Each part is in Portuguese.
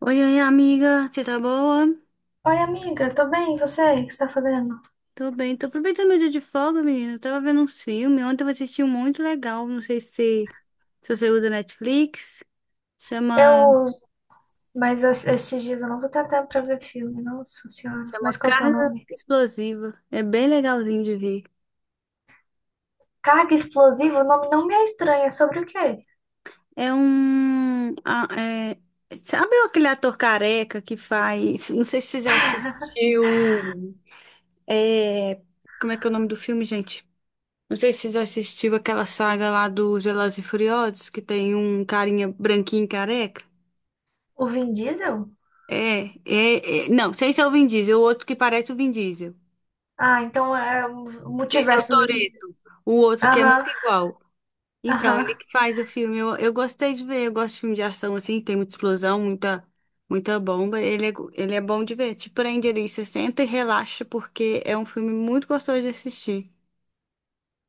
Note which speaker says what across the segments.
Speaker 1: Oi, oi, amiga, você tá boa?
Speaker 2: Oi, amiga, tô bem, e você? O que você tá fazendo?
Speaker 1: Tô bem, tô aproveitando meu dia de folga, menina. Eu tava vendo uns filmes, ontem eu assisti um muito legal, não sei se, se você usa Netflix, chama,
Speaker 2: Eu, mas esses dias eu não vou ter tempo pra ver filme, nossa senhora.
Speaker 1: chama
Speaker 2: Mas qual que é o
Speaker 1: Carga
Speaker 2: nome?
Speaker 1: Explosiva, é bem legalzinho de ver.
Speaker 2: Carga Explosiva? O nome não me é estranho, é sobre o quê?
Speaker 1: É um, é, sabe aquele ator careca que faz, não sei se você já assistiu, é, como é que é o nome do filme, gente? Não sei se você já assistiu aquela saga lá dos Velozes e Furiosos, que tem um carinha branquinho careca.
Speaker 2: O Vin Diesel?
Speaker 1: Não, sei se é o Vin Diesel, o outro que parece o Vin Diesel.
Speaker 2: Ah, então é o
Speaker 1: Sei se é o
Speaker 2: multiverso do Vin Diesel.
Speaker 1: Toretto, o outro que é muito
Speaker 2: Aham,
Speaker 1: igual. Então,
Speaker 2: aham.
Speaker 1: ele que faz o filme, eu gostei de ver, eu gosto de filme de ação assim, tem muita explosão, muita bomba. Ele é bom de ver, te prende ali, você senta e relaxa, porque é um filme muito gostoso de assistir.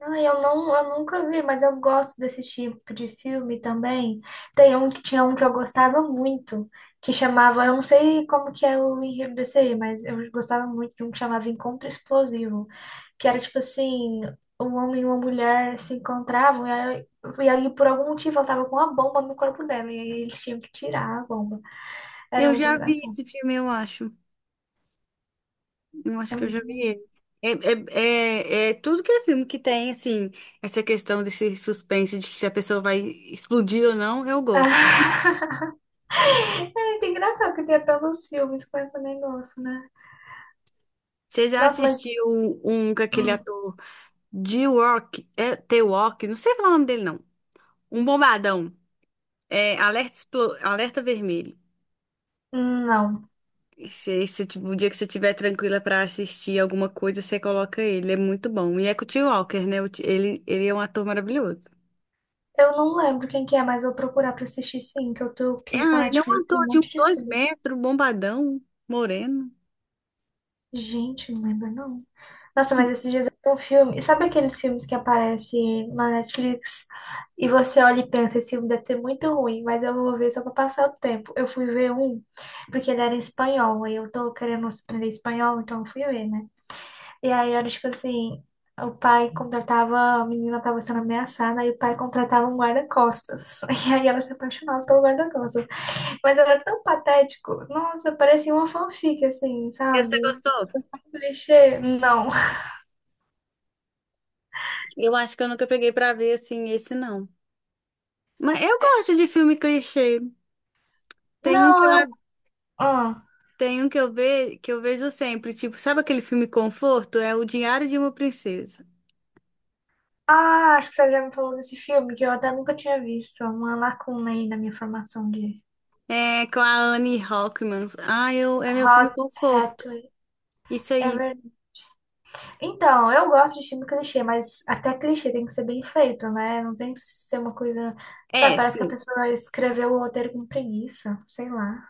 Speaker 2: Ah, eu nunca vi, mas eu gosto desse tipo de filme também. Tem um que eu gostava muito, que chamava, eu não sei como que é o enredo desse aí, mas eu gostava muito de um que chamava Encontro Explosivo, que era tipo assim, um homem e uma mulher se encontravam e aí, por algum motivo ela tava com uma bomba no corpo dela e aí eles tinham que tirar a bomba. Era
Speaker 1: Eu
Speaker 2: muito
Speaker 1: já vi
Speaker 2: engraçado.
Speaker 1: esse filme, eu acho. Eu acho
Speaker 2: É
Speaker 1: que eu já
Speaker 2: muito
Speaker 1: vi
Speaker 2: bom.
Speaker 1: ele. É, É tudo que é filme que tem, assim, essa questão desse suspense de se a pessoa vai explodir ou não, eu gosto.
Speaker 2: É muito engraçado que tenha tantos filmes com esse negócio, né?
Speaker 1: Você já
Speaker 2: Nossa, mas
Speaker 1: assistiu um com aquele
Speaker 2: hum.
Speaker 1: ator de Rock, é, The Rock, não sei falar o nome dele, não. Um bombadão. Alerta Vermelho.
Speaker 2: Não.
Speaker 1: Se, tipo, o dia que você estiver tranquila pra assistir alguma coisa, você coloca ele. É muito bom. E é com o T. Walker, né? Ele, ele é um ator maravilhoso.
Speaker 2: Eu não lembro quem que é, mas eu vou procurar pra assistir, sim, que eu tô aqui com
Speaker 1: Ah,
Speaker 2: a
Speaker 1: ele é um
Speaker 2: Netflix, tem um
Speaker 1: ator de uns
Speaker 2: monte de
Speaker 1: dois
Speaker 2: filme.
Speaker 1: metros, bombadão, moreno.
Speaker 2: Gente, não lembro não. Nossa, mas esses dias eu vi um filme. Sabe aqueles filmes que aparecem na Netflix e você olha e pensa, esse filme deve ser muito ruim, mas eu vou ver só pra passar o tempo. Eu fui ver um, porque ele era em espanhol, aí eu tô querendo aprender espanhol, então eu fui ver, né? E aí era tipo assim, o pai contratava, a menina estava sendo ameaçada, aí o pai contratava um guarda-costas. E aí ela se apaixonava pelo guarda-costas. Mas era tão patético. Nossa, parecia uma fanfic, assim,
Speaker 1: E você
Speaker 2: sabe?
Speaker 1: gostou?
Speaker 2: Um clichê. Não.
Speaker 1: Eu acho que eu nunca peguei pra ver assim esse não. Mas eu gosto de filme clichê. Tem um que
Speaker 2: Não,
Speaker 1: eu,
Speaker 2: eu. Ah.
Speaker 1: tem um que eu vejo sempre, tipo, sabe aquele filme conforto? É O Diário de uma Princesa.
Speaker 2: Ah, acho que você já me falou desse filme, que eu até nunca tinha visto. Uma lacuna aí na minha formação de
Speaker 1: É com a Anne Hathaway. Ah, eu é meu filme
Speaker 2: Hot
Speaker 1: conforto.
Speaker 2: Hatway.
Speaker 1: Isso
Speaker 2: É
Speaker 1: aí.
Speaker 2: verdade. Então, eu gosto de filme clichê, mas até clichê tem que ser bem feito, né? Não tem que ser uma coisa. Sabe,
Speaker 1: É,
Speaker 2: parece que a
Speaker 1: sim.
Speaker 2: pessoa escreveu o roteiro com preguiça, sei lá.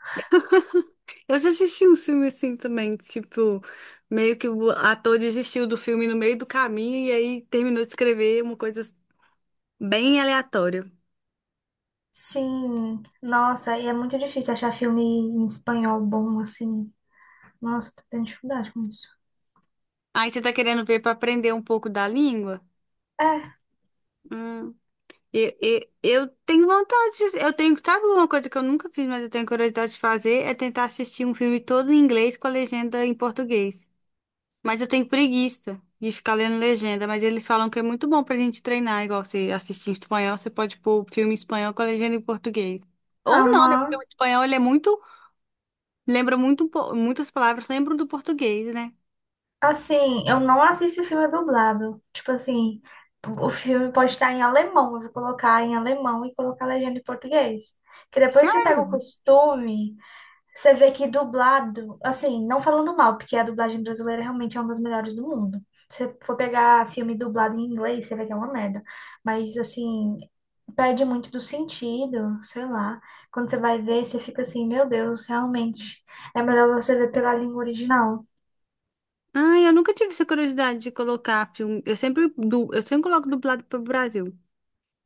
Speaker 1: Eu já assisti um filme assim também, tipo, meio que o ator desistiu do filme no meio do caminho e aí terminou de escrever uma coisa bem aleatório.
Speaker 2: Sim, nossa, e é muito difícil achar filme em espanhol bom, assim. Nossa, tô tendo dificuldade com isso.
Speaker 1: Aí você tá querendo ver para aprender um pouco da língua?
Speaker 2: É,
Speaker 1: Hum. Eu tenho vontade, eu tenho, sabe uma coisa que eu nunca fiz, mas eu tenho curiosidade de fazer, é tentar assistir um filme todo em inglês com a legenda em português. Mas eu tenho preguiça de ficar lendo legenda, mas eles falam que é muito bom pra gente treinar, igual você assistir em espanhol, você pode pôr o filme em espanhol com a legenda em português. Ou não, né?
Speaker 2: aham.
Speaker 1: Porque o espanhol ele é muito, lembra muito, muitas palavras lembram do português, né?
Speaker 2: Assim, eu não assisto filme dublado. Tipo assim, o filme pode estar em alemão, eu vou colocar em alemão e colocar legenda em português. Que depois você pega o costume. Você vê que dublado, assim, não falando mal, porque a dublagem brasileira realmente é uma das melhores do mundo. Se você for pegar filme dublado em inglês, você vê que é uma merda. Mas, assim, perde muito do sentido, sei lá. Quando você vai ver, você fica assim, meu Deus, realmente é melhor você ver pela língua original.
Speaker 1: Ai, eu nunca tive essa curiosidade de colocar filme. Eu sempre coloco dublado pro Brasil.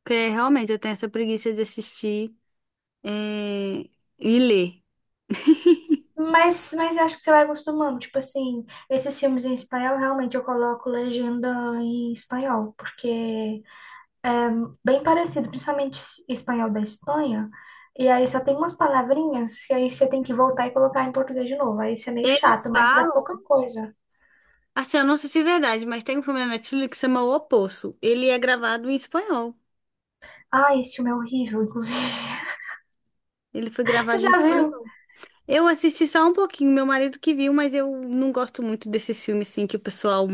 Speaker 1: Porque realmente eu tenho essa preguiça de assistir é, e ler.
Speaker 2: Mas eu acho que você vai acostumando. Tipo assim, esses filmes em espanhol, realmente eu coloco legenda em espanhol, porque bem parecido, principalmente espanhol da Espanha. E aí só tem umas palavrinhas que aí você tem que voltar e colocar em português de novo. Aí isso é meio
Speaker 1: Eles
Speaker 2: chato, mas é
Speaker 1: falam.
Speaker 2: pouca coisa.
Speaker 1: Assim, eu não sei se é verdade, mas tem um filme na Netflix que se chama O Poço. Ele é gravado em espanhol.
Speaker 2: Ah, esse filme é horrível, inclusive.
Speaker 1: Ele foi
Speaker 2: Você
Speaker 1: gravado em
Speaker 2: já viu?
Speaker 1: espanhol. Eu assisti só um pouquinho, meu marido que viu, mas eu não gosto muito desses filmes assim que o pessoal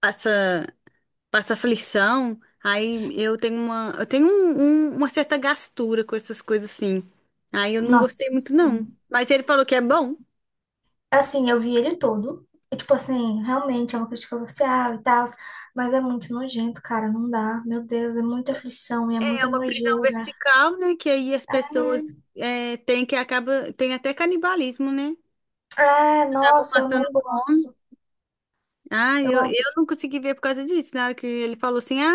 Speaker 1: passa. passa aflição. Aí eu tenho uma certa gastura com essas coisas assim. Aí eu não gostei
Speaker 2: Nossa,
Speaker 1: muito, não.
Speaker 2: sim.
Speaker 1: Mas ele falou que é bom.
Speaker 2: Assim, eu vi ele todo. E, tipo assim, realmente é uma crítica social e tal, mas é muito nojento, cara, não dá. Meu Deus, é muita aflição e é muita
Speaker 1: É uma prisão
Speaker 2: nojeira.
Speaker 1: vertical, né? Que aí as pessoas é, têm que acaba, tem até canibalismo, né?
Speaker 2: É,
Speaker 1: Acabam
Speaker 2: nossa, eu
Speaker 1: passando
Speaker 2: não
Speaker 1: fome.
Speaker 2: gosto.
Speaker 1: Ah,
Speaker 2: Eu
Speaker 1: eu não consegui ver por causa disso. Na hora que ele falou assim, ah,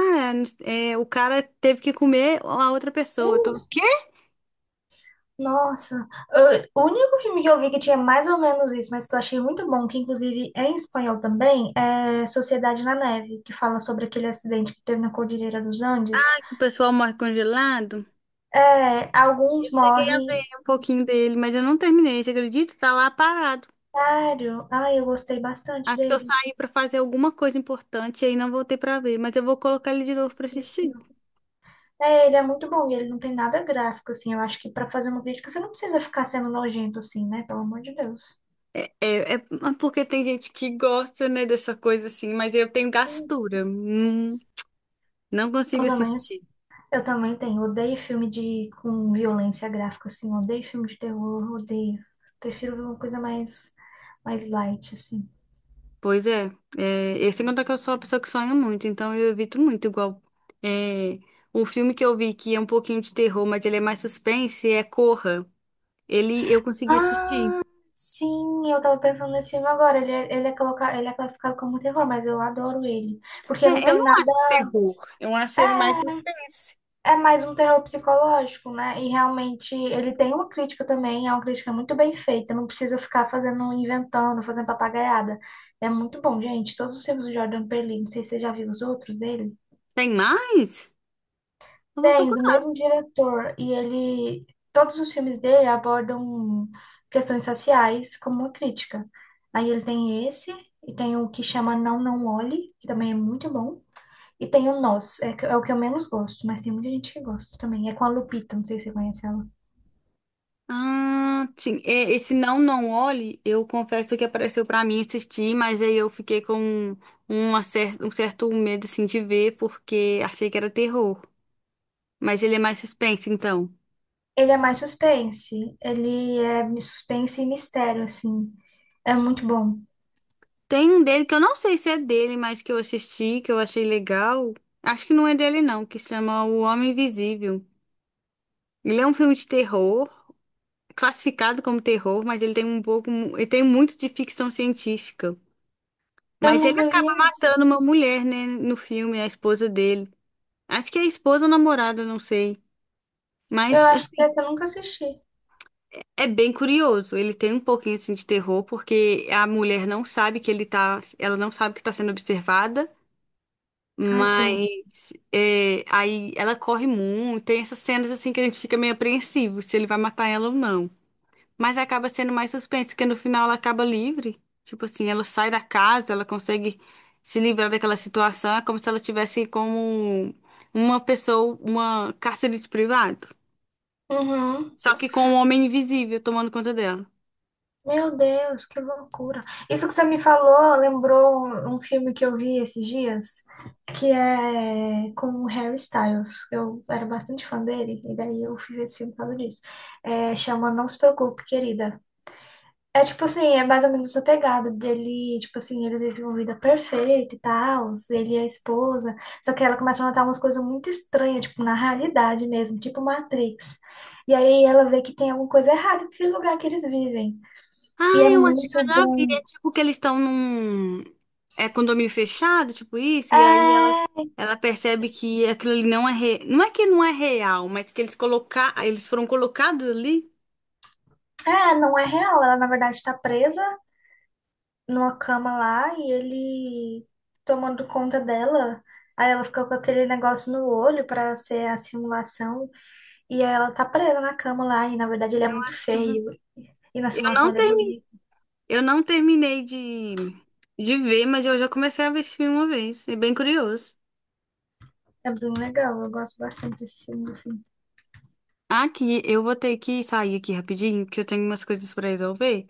Speaker 1: é, é, o cara teve que comer a outra pessoa. Eu tô, o
Speaker 2: acho.
Speaker 1: quê?
Speaker 2: Nossa, eu- o único filme que eu vi que tinha mais ou menos isso, mas que eu achei muito bom, que inclusive é em espanhol também, é Sociedade na Neve, que fala sobre aquele acidente que teve na Cordilheira dos Andes.
Speaker 1: O pessoal morre congelado.
Speaker 2: É, alguns
Speaker 1: Eu cheguei a
Speaker 2: morrem.
Speaker 1: ver um pouquinho dele, mas eu não terminei, você acredita? Tá lá parado.
Speaker 2: Sério? Ai, eu gostei bastante
Speaker 1: Acho que eu
Speaker 2: dele.
Speaker 1: saí pra fazer alguma coisa importante e aí não voltei pra ver, mas eu vou colocar ele de novo pra
Speaker 2: Esqueci.
Speaker 1: assistir.
Speaker 2: É, ele é muito bom e ele não tem nada gráfico, assim. Eu acho que pra fazer uma crítica você não precisa ficar sendo nojento, assim, né? Pelo amor de Deus.
Speaker 1: É, é porque tem gente que gosta, né, dessa coisa assim, mas eu tenho
Speaker 2: Eu
Speaker 1: gastura. Não consigo
Speaker 2: também
Speaker 1: assistir.
Speaker 2: Eu também tenho. Odeio filme de com violência gráfica, assim. Odeio filme de terror, odeio. Prefiro ver uma coisa mais, mais light, assim.
Speaker 1: Pois é, é, eu sei contar que eu sou uma pessoa que sonha muito, então eu evito muito, igual. É, o filme que eu vi que é um pouquinho de terror, mas ele é mais suspense, é Corra. Ele eu consegui
Speaker 2: Ah,
Speaker 1: assistir.
Speaker 2: sim, eu tava pensando nesse filme agora. Coloca... ele é classificado como um terror, mas eu adoro ele. Porque não
Speaker 1: É, eu
Speaker 2: tem
Speaker 1: não
Speaker 2: nada.
Speaker 1: acho terror, eu acho ele mais suspense.
Speaker 2: É, é mais um terror psicológico, né? E realmente ele tem uma crítica também, é uma crítica muito bem feita. Não precisa ficar fazendo, inventando, fazendo papagaiada. É muito bom, gente. Todos os filmes do Jordan Peele, não sei se você já viu os outros dele.
Speaker 1: Tem mais? Eu vou
Speaker 2: Tem, do
Speaker 1: procurar.
Speaker 2: mesmo diretor, e ele, todos os filmes dele abordam questões raciais como uma crítica. Aí ele tem esse, e tem o que chama Não, Não Olhe, que também é muito bom, e tem o Nós, é, que- é o que eu menos gosto, mas tem muita gente que gosta também. É com a Lupita, não sei se você conhece ela.
Speaker 1: Ah, sim. É, esse Não Não Olhe, eu confesso que apareceu pra mim assistir, mas aí eu fiquei com um certo medo assim, de ver, porque achei que era terror. Mas ele é mais suspense, então.
Speaker 2: Ele é mais suspense, ele é suspense e mistério, assim. É muito bom.
Speaker 1: Tem um dele que eu não sei se é dele, mas que eu assisti, que eu achei legal. Acho que não é dele, não, que chama O Homem Invisível. Ele é um filme de terror, classificado como terror, mas ele tem um pouco, ele tem muito de ficção científica.
Speaker 2: Eu
Speaker 1: Mas ele
Speaker 2: nunca vi
Speaker 1: acaba
Speaker 2: esse.
Speaker 1: matando uma mulher, né, no filme, a esposa dele. Acho que é a esposa ou namorada, não sei.
Speaker 2: Eu
Speaker 1: Mas,
Speaker 2: acho que
Speaker 1: assim,
Speaker 2: essa eu nunca assisti.
Speaker 1: é bem curioso. Ele tem um pouquinho, assim, de terror, porque a mulher não sabe que ele tá, ela não sabe que tá sendo observada.
Speaker 2: Ai, que horror.
Speaker 1: Mas é, aí ela corre muito, tem essas cenas assim que a gente fica meio apreensivo se ele vai matar ela ou não. Mas acaba sendo mais suspense, porque no final ela acaba livre. Tipo assim, ela sai da casa, ela consegue se livrar daquela situação, é como se ela tivesse como uma pessoa, uma cárcere de privado.
Speaker 2: Uhum.
Speaker 1: Só que com um homem invisível tomando conta dela.
Speaker 2: Meu Deus, que loucura. Isso que você me falou lembrou um filme que eu vi esses dias, que é com o Harry Styles. Eu era bastante fã dele, e daí eu fui ver esse filme por causa disso. É, chama Não Se Preocupe, Querida. É tipo assim, é mais ou menos essa pegada dele, tipo assim, eles vivem uma vida perfeita e tal, ele e a esposa, só que ela começa a notar umas coisas muito estranhas, tipo, na realidade mesmo, tipo Matrix. E aí ela vê que tem alguma coisa errada naquele lugar que eles vivem.
Speaker 1: Ah,
Speaker 2: E é
Speaker 1: eu acho que
Speaker 2: muito
Speaker 1: eu já vi.
Speaker 2: bom.
Speaker 1: É tipo que eles estão num é, condomínio fechado, tipo isso, e aí ela,
Speaker 2: É,
Speaker 1: ela percebe que aquilo ali não é que não é real, mas que eles colocar eles foram colocados ali.
Speaker 2: ah, não é real. Ela, na verdade, tá presa numa cama lá e ele tomando conta dela. Aí ela fica com aquele negócio no olho pra ser a simulação. E aí ela tá presa na cama lá. E na verdade ele é muito feio. E na
Speaker 1: Eu
Speaker 2: simulação
Speaker 1: não
Speaker 2: ele é
Speaker 1: termi...
Speaker 2: bonito.
Speaker 1: eu não terminei de ver, mas eu já comecei a ver esse filme uma vez. É bem curioso.
Speaker 2: É bem legal. Eu gosto bastante desse filme assim.
Speaker 1: Aqui, eu vou ter que sair aqui rapidinho, porque eu tenho umas coisas para resolver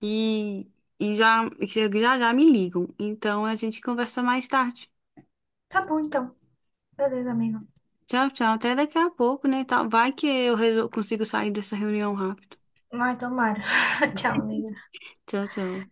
Speaker 1: e, e já, já já me ligam. Então a gente conversa mais tarde.
Speaker 2: Tá bom então. Beleza, amigo.
Speaker 1: Tchau, tchau. Até daqui a pouco, né? Tá- Vai que eu resol- consigo sair dessa reunião rápido.
Speaker 2: Ai, tomara. Tchau, amigo.
Speaker 1: Tchau, tchau.